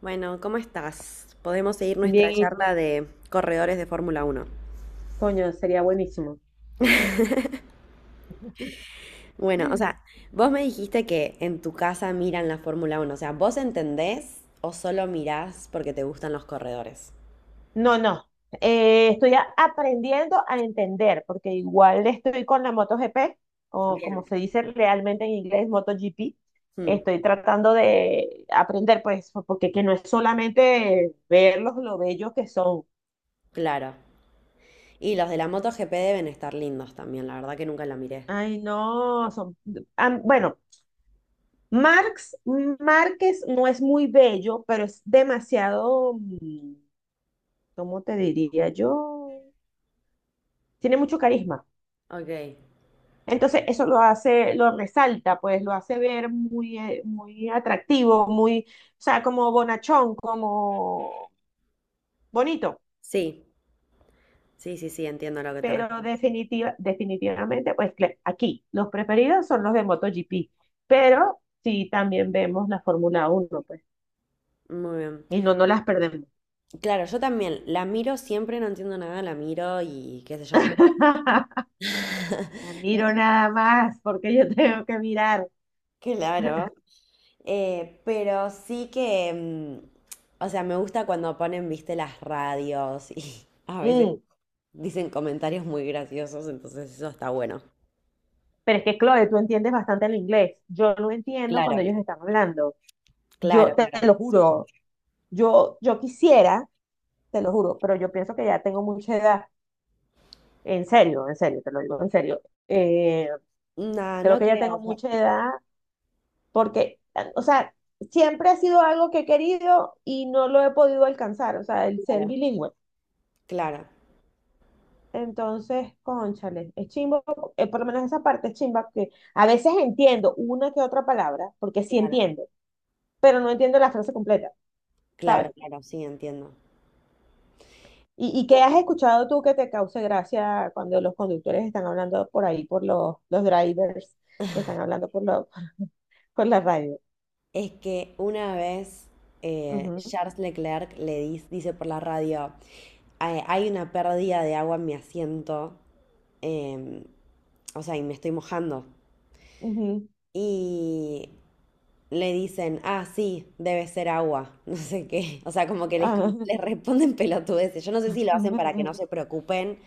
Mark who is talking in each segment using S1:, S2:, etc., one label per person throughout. S1: Bueno, ¿cómo estás? Podemos seguir
S2: Bien,
S1: nuestra
S2: y
S1: charla de corredores de Fórmula Uno.
S2: coño, sería buenísimo.
S1: Bueno, o sea, vos me dijiste que en tu casa miran la Fórmula Uno, o sea, ¿vos entendés o solo mirás porque te gustan los corredores?
S2: No, no. Estoy aprendiendo a entender, porque igual estoy con la MotoGP, o como
S1: Bien.
S2: se dice realmente en inglés, MotoGP.
S1: Mm,
S2: Estoy tratando de aprender, pues, porque que no es solamente verlos lo bellos que son.
S1: claro. Y los de la MotoGP deben estar lindos también, la verdad que nunca la miré.
S2: Ay, no, son. Bueno, Marx, Márquez no es muy bello, pero es demasiado, ¿cómo te diría yo? Tiene mucho carisma.
S1: Ok.
S2: Entonces eso lo hace, lo resalta, pues lo hace ver muy, muy atractivo, muy, o sea, como bonachón, como bonito.
S1: Sí, sí, sí, sí, entiendo a lo que te
S2: Pero
S1: refieres.
S2: definitivamente, pues aquí los preferidos son los de MotoGP, pero sí también vemos la Fórmula Uno, pues,
S1: Muy bien.
S2: y no, no las perdemos.
S1: Claro, yo también la miro siempre, no entiendo nada, la miro y qué sé yo.
S2: La miro nada más porque yo tengo que mirar.
S1: Claro. Pero sí que, o sea, me gusta cuando ponen, viste, las radios y a veces
S2: Mm,
S1: dicen comentarios muy graciosos, entonces eso está bueno.
S2: Pero es que, Chloe, tú entiendes bastante el inglés. Yo lo entiendo cuando
S1: Claro,
S2: ellos están hablando. Yo
S1: Claro.
S2: te
S1: claro.
S2: lo juro. Yo quisiera, te lo juro, pero yo pienso que ya tengo mucha edad, en serio, te lo digo en serio. eh,
S1: No,
S2: Creo
S1: no
S2: que ya
S1: creo,
S2: tengo
S1: o sea,
S2: mucha edad porque, o sea, siempre ha sido algo que he querido y no lo he podido alcanzar, o sea, el ser
S1: claro,
S2: bilingüe.
S1: claro,
S2: Entonces, cónchale, es chimbo, por lo menos esa parte es chimba, que a veces entiendo una que otra palabra, porque sí
S1: claro,
S2: entiendo, pero no entiendo la frase completa,
S1: claro,
S2: ¿sabes?
S1: claro, sí, entiendo.
S2: ¿Y qué has escuchado tú que te cause gracia cuando los conductores están hablando por ahí, por los drivers, están hablando por la radio?
S1: Es que una vez
S2: Ujú,
S1: Charles Leclerc dice por la radio, "Hay una pérdida de agua en mi asiento, em, o sea, y me estoy mojando."
S2: ujú,
S1: Y le dicen, ah, sí, debe ser agua, no sé qué. O sea, como que les,
S2: ajá.
S1: les responden pelotudeces. Yo no sé si lo hacen para que no se preocupen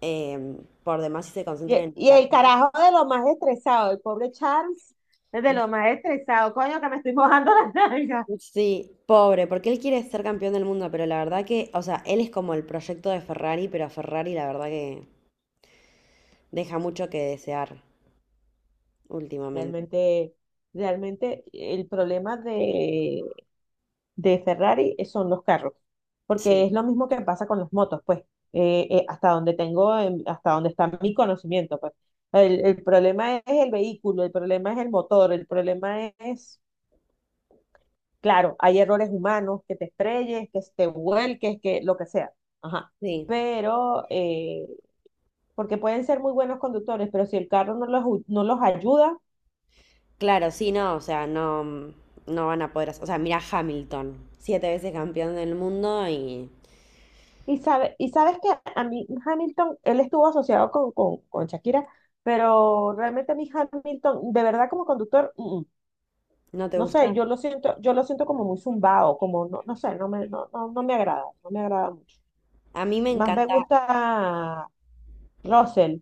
S1: eh, por demás y se concentren
S2: Y,
S1: en
S2: y
S1: la
S2: el
S1: carrera.
S2: carajo de lo más estresado, el pobre Charles es de lo más estresado, coño, que me estoy mojando las nalgas.
S1: Sí, pobre, porque él quiere ser campeón del mundo, pero la verdad que, o sea, él es como el proyecto de Ferrari, pero a Ferrari la verdad que deja mucho que desear últimamente.
S2: Realmente, realmente el problema de Ferrari, son los carros, porque
S1: Sí,
S2: es lo mismo que pasa con las motos, pues, hasta donde está mi conocimiento, pues. El problema es el vehículo, el problema es el motor, el problema es, claro, hay errores humanos, que te estrelles, que te vuelques, que lo que sea, ajá.
S1: sí.
S2: Pero, porque pueden ser muy buenos conductores, pero si el carro no los, no los ayuda.
S1: Claro, sí, no, o sea, no, no van a poder hacer. O sea, mira Hamilton, siete veces campeón del mundo y
S2: Y sabes que a mí Hamilton, él estuvo asociado con, con Shakira, pero realmente a mí Hamilton, de verdad como conductor, mm, mm.
S1: ¿no te
S2: No
S1: gusta?
S2: sé, yo lo siento como muy zumbado, como no, no sé, no me, no, no, no me agrada, no me agrada mucho.
S1: A mí me
S2: Más me
S1: encanta.
S2: gusta Russell.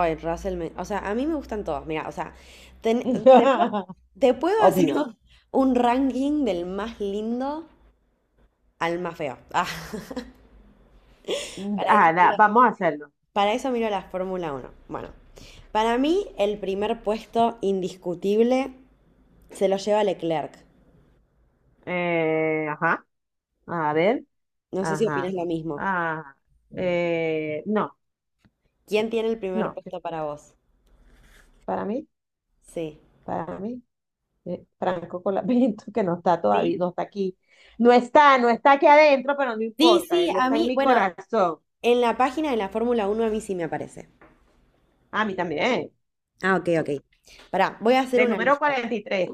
S1: Ay, Russell, o sea, a mí me gustan todos. Mira, o sea, ten- te puedo, te puedo hacer
S2: Obvio.
S1: un ranking del más lindo al más feo. Ah, para eso
S2: Ah, da,
S1: miro,
S2: vamos a hacerlo.
S1: la Fórmula uno. Bueno, para mí el primer puesto indiscutible se lo lleva Leclerc.
S2: Ajá. A ver.
S1: No sé si opinas
S2: Ajá.
S1: lo mismo.
S2: Ah, no,
S1: ¿Quién tiene el primer
S2: no.
S1: puesto para vos?
S2: Para mí,
S1: Sí.
S2: para mí, Franco Colapinto. Que no está todavía,
S1: ¿Sí?
S2: no está aquí. No está aquí adentro, pero no
S1: Sí,
S2: importa,
S1: sí,
S2: él
S1: a
S2: está en
S1: mí,
S2: mi
S1: bueno,
S2: corazón.
S1: en la página de la Fórmula uno a mí sí me aparece.
S2: A mí también.
S1: Ah, ok, ok. Pará, voy a hacer
S2: Del
S1: una
S2: número
S1: lista.
S2: 43.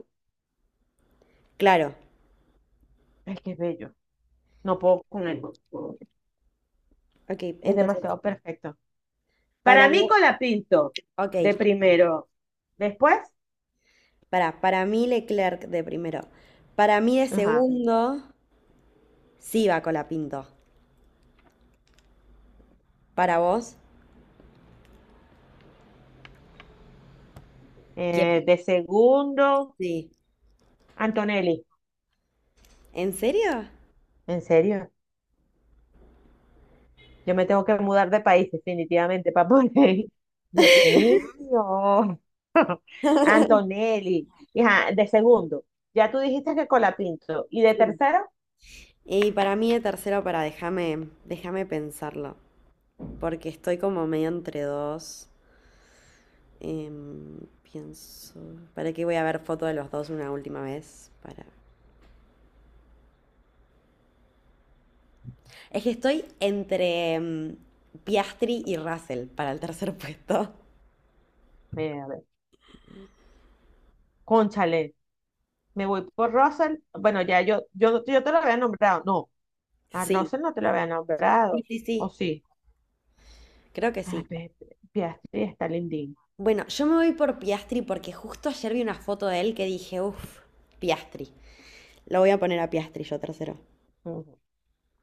S1: Claro.
S2: Ay, qué bello. No puedo con él.
S1: Ok,
S2: Es
S1: entonces,
S2: demasiado perfecto.
S1: para
S2: Para mí,
S1: vos,
S2: Colapinto,
S1: ok,
S2: de primero. Después,
S1: pará, para mí Leclerc de primero. Para mí de
S2: ajá,
S1: segundo, sí va Colapinto. Para vos, ¿quién?
S2: de segundo,
S1: Sí.
S2: Antonelli.
S1: ¿En serio?
S2: ¿En serio? Yo me tengo que mudar de país definitivamente para poder ir. Dios mío. Antonelli. Hija, de segundo, ya tú dijiste que Colapinto. Y de
S1: Sí.
S2: tercero,
S1: Y para mí de tercero, para déjame, déjame pensarlo, porque estoy como medio entre dos. Pienso, para qué voy a ver foto de los dos una última vez, para. Es que estoy entre Piastri y Russell para el tercer puesto.
S2: mira, a ver, cónchale, me voy por Russell. Bueno, ya yo te lo había nombrado. No, a
S1: Sí,
S2: Russell no te lo había
S1: sí,
S2: nombrado.
S1: sí,
S2: ¿O
S1: sí,
S2: sí?
S1: creo que
S2: Ah,
S1: sí.
S2: Piastri está lindín.
S1: Bueno, yo me voy por Piastri porque justo ayer vi una foto de él que dije, uff, Piastri. Lo voy a poner a Piastri yo tercero.
S2: Ujú.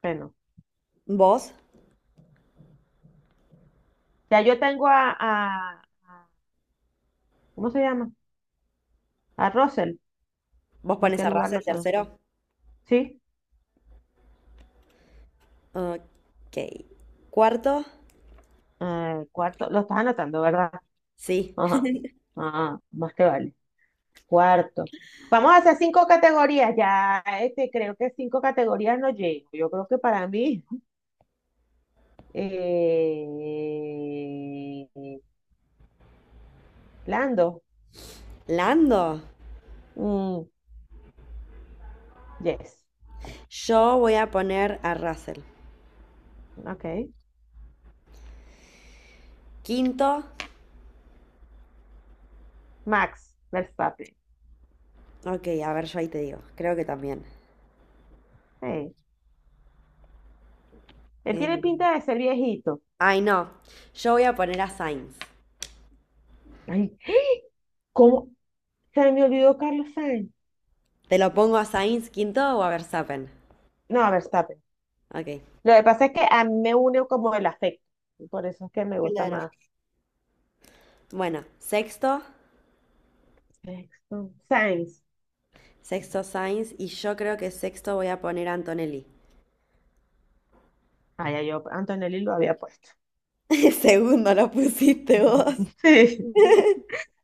S2: Bueno,
S1: ¿Vos?
S2: ya yo tengo ¿cómo se llama? A Russell.
S1: ¿Vos
S2: ¿En
S1: pones
S2: qué
S1: a
S2: lugar lo
S1: Russell
S2: tengo?
S1: tercero?
S2: ¿Sí?
S1: Ok. ¿Cuarto?
S2: Cuarto, lo estás anotando, ¿verdad?
S1: Sí.
S2: Ajá. Ah, más te vale. Cuarto. Vamos a hacer cinco categorías. Ya, creo que cinco categorías no llego. Yo creo que para mí, eh, Lando.
S1: ¿Lando?
S2: Mm, yes.
S1: Yo voy a poner a Russell.
S2: Ok.
S1: Quinto.
S2: Max Verstappen.
S1: Ok, a ver, yo ahí te digo. Creo que también.
S2: Hey. Él
S1: Eh,
S2: tiene pinta de ser viejito.
S1: Ay, no. Yo voy a poner a Sainz.
S2: Ay, ¿cómo? Se me olvidó Carlos Sainz.
S1: ¿Te lo pongo a Sainz quinto o a Verstappen?
S2: No, Verstappen.
S1: Ok.
S2: Lo que pasa es que a mí me une como el afecto. Por eso es que me gusta
S1: Claro.
S2: más.
S1: Bueno, sexto.
S2: Sexto, Sainz.
S1: Sexto Sainz. Y yo creo que sexto voy a poner a Antonelli.
S2: Ah, ya yo Antonelli lo había puesto.
S1: Segundo lo pusiste vos.
S2: Sí,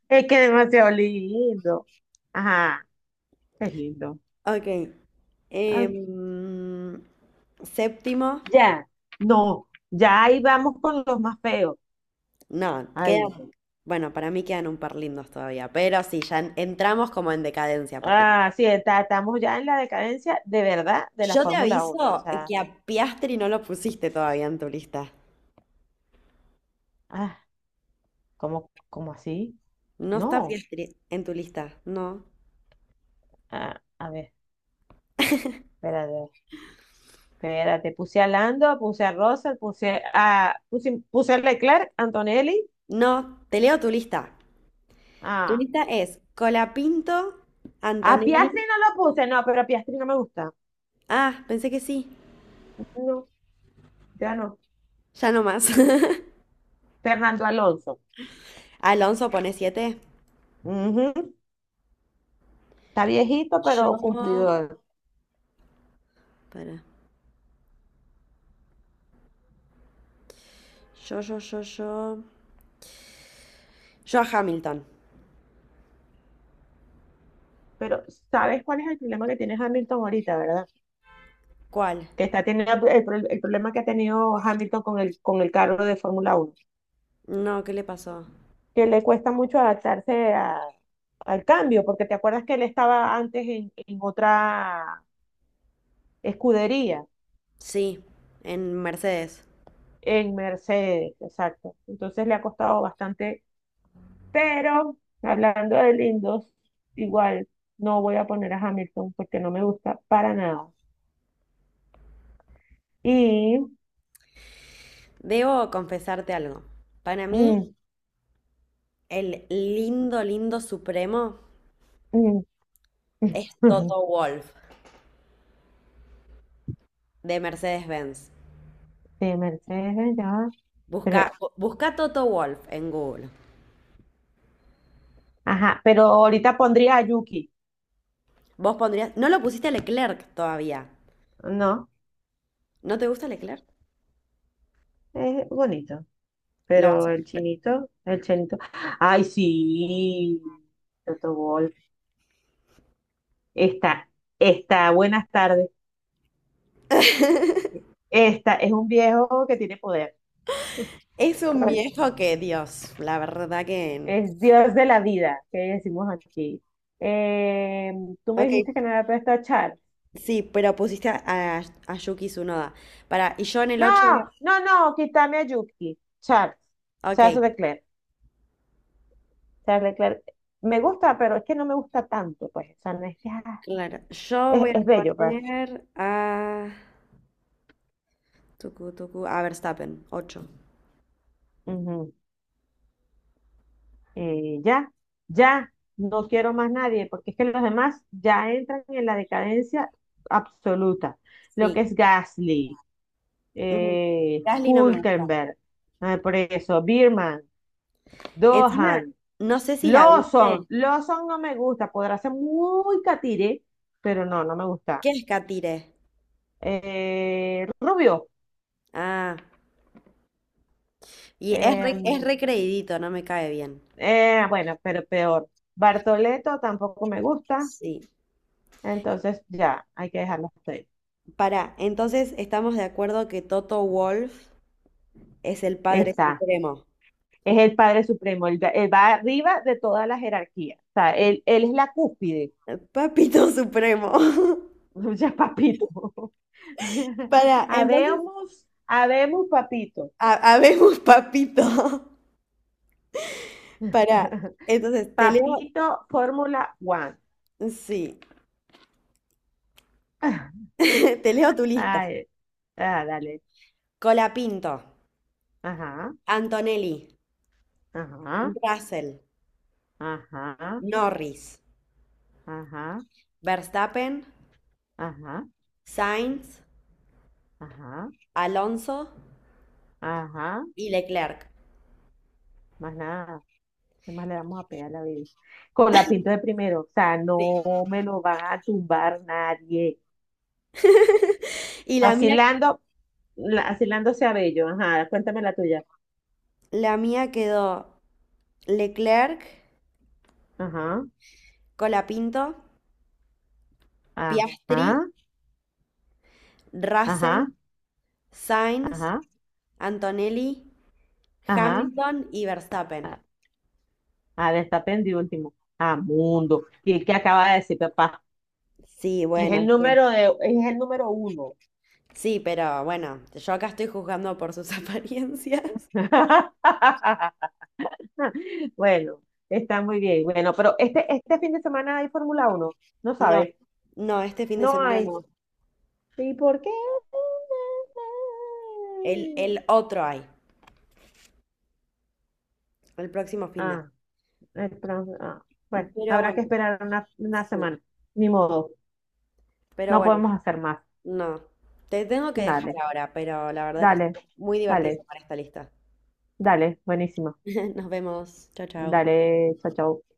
S2: es que es demasiado lindo. Ajá, es lindo.
S1: Ok.
S2: Ay,
S1: em, séptimo.
S2: ya, no, ya ahí vamos con los más feos.
S1: No,
S2: Ay, no.
S1: quedan. Bueno, para mí quedan un par lindos todavía. Pero sí, ya entramos como en decadencia a partir.
S2: Ah, sí, estamos ya en la decadencia de verdad de la
S1: Yo te
S2: Fórmula Uno.
S1: aviso
S2: O sea,
S1: que a Piastri no lo pusiste todavía en tu lista.
S2: ah, ¿cómo así.
S1: No está
S2: No,
S1: Piastri en tu lista, no.
S2: ah, a ver, espérate, espérate. Puse a Lando, puse a Russell, puse a Leclerc, Antonelli.
S1: No, te leo tu lista. Tu
S2: Ah,
S1: lista es Colapinto,
S2: a Piastri
S1: Antonelli.
S2: no lo puse, no, pero Piastri no me gusta.
S1: Ah, pensé que sí.
S2: No, ya no.
S1: Ya no más.
S2: Fernando Alonso.
S1: Alonso pone siete.
S2: Ujú. Está viejito,
S1: Yo.
S2: pero cumplidor.
S1: Para. Yo. Yo a Hamilton.
S2: Pero ¿sabes cuál es el problema que tiene Hamilton ahorita, verdad?
S1: ¿Cuál?
S2: Que está teniendo el problema que ha tenido Hamilton con el carro de Fórmula Uno,
S1: No, ¿qué le pasó?
S2: que le cuesta mucho adaptarse al cambio, porque te acuerdas que él estaba antes en otra escudería,
S1: Sí, en Mercedes.
S2: en Mercedes, exacto. Entonces le ha costado bastante. Pero hablando de lindos, igual no voy a poner a Hamilton porque no me gusta para nada. Y
S1: Debo confesarte algo. Para mí,
S2: mm,
S1: el lindo, lindo supremo
S2: mm,
S1: es Toto Wolff de Mercedes-Benz.
S2: de Mercedes ya,
S1: Busca,
S2: pero
S1: busca Toto Wolf en Google.
S2: ajá, pero ahorita pondría a Yuki.
S1: Vos pondrías. No lo pusiste a Leclerc todavía.
S2: No,
S1: ¿No te gusta Leclerc?
S2: es bonito,
S1: Lo vas
S2: pero
S1: a.
S2: el chinito, el chinito. Ay, sí, Toto Wolff. Está, está, buenas tardes. Esta es un viejo que tiene poder.
S1: Es un viejo que, Dios, la verdad que.
S2: Es Dios de la vida, que decimos aquí. Eh, tú me
S1: Ok,
S2: dijiste que no había puesto a Charles.
S1: sí, pero pusiste a, a Yuki Tsunoda. Para, y yo en el ocho. Voy
S2: No, no, no, quítame a Yuki.
S1: a. Ok,
S2: Charles Leclerc. Charles Leclerc. Me gusta, pero es que no me gusta tanto, pues. O sea, no es que
S1: claro. Yo
S2: es,
S1: voy a
S2: es bello, pues.
S1: poner a. Tucu, tucu, a Verstappen, ocho.
S2: Ujú. Ya, ya, no quiero más nadie, porque es que los demás ya entran en la decadencia absoluta. Lo
S1: Sí.
S2: que es Gasly,
S1: Mm, Gasly no me gusta.
S2: Hülkenberg, ah, por eso, Birman,
S1: Encima,
S2: Dohan.
S1: no sé si la viste.
S2: Lawson. Lawson no me gusta. Podrá ser muy catire, pero no, no me gusta.
S1: ¿Qué es Katire?
S2: Rubio.
S1: Ah. Y
S2: eh,
S1: es re, creidito, no me cae bien.
S2: bueno, pero peor. Bartoleto tampoco me gusta.
S1: Sí.
S2: Entonces ya, hay que dejarlo hasta ahí.
S1: Para, entonces estamos de acuerdo que Toto Wolf es el padre
S2: Está.
S1: supremo.
S2: Es el Padre Supremo. Él va arriba de toda la jerarquía. O sea, él es la cúspide.
S1: El papito supremo.
S2: Ya papito.
S1: Para, entonces,
S2: Habemos, habemos, papito.
S1: habemos papito. Para, entonces te leo,
S2: Papito Fórmula One.
S1: sí, te leo tu lista.
S2: Ay, ah, dale.
S1: Colapinto,
S2: Ajá,
S1: Antonelli,
S2: ajá,
S1: Russell,
S2: ajá,
S1: Norris,
S2: ajá,
S1: Verstappen,
S2: ajá,
S1: Sainz,
S2: ajá,
S1: Alonso
S2: ajá.
S1: y Leclerc.
S2: Más nada. ¿Qué más le vamos a pegar a la vida? Con la pinto de primero. O sea,
S1: Sí.
S2: no me lo van a tumbar nadie.
S1: Y la mía.
S2: Asilando, Asilándose a Bello. Ajá, cuéntame la tuya.
S1: La mía quedó Leclerc,
S2: Ajá,
S1: Colapinto,
S2: ajá,
S1: Piastri, Russell,
S2: ajá,
S1: Sainz,
S2: ajá,
S1: Antonelli,
S2: ajá.
S1: Hamilton y Verstappen.
S2: Ah, ah, está pendiente último. Ah, mundo. ¿Y qué acaba de decir, papá?
S1: Sí,
S2: Y es el
S1: bueno, es
S2: número de, es el número uno.
S1: sí, pero bueno, yo acá estoy juzgando por sus apariencias.
S2: Bueno, está muy bien. Bueno, pero este fin de semana hay Fórmula uno, no
S1: No,
S2: sabes,
S1: no, este fin de
S2: no
S1: semana
S2: hay.
S1: no.
S2: ¿Y por qué?
S1: El otro hay, el próximo fin de.
S2: Ah, el pro- ah, bueno,
S1: Pero
S2: habrá
S1: bueno,
S2: que esperar una
S1: sí,
S2: semana. Ni modo,
S1: pero
S2: no
S1: bueno,
S2: podemos hacer más.
S1: no. Te tengo que dejar
S2: Dale,
S1: ahora, pero la verdad que
S2: dale,
S1: estuvo muy divertido
S2: dale,
S1: para esta lista.
S2: dale, buenísimo.
S1: Nos vemos. Chao, chao.
S2: Dale, chao, chao.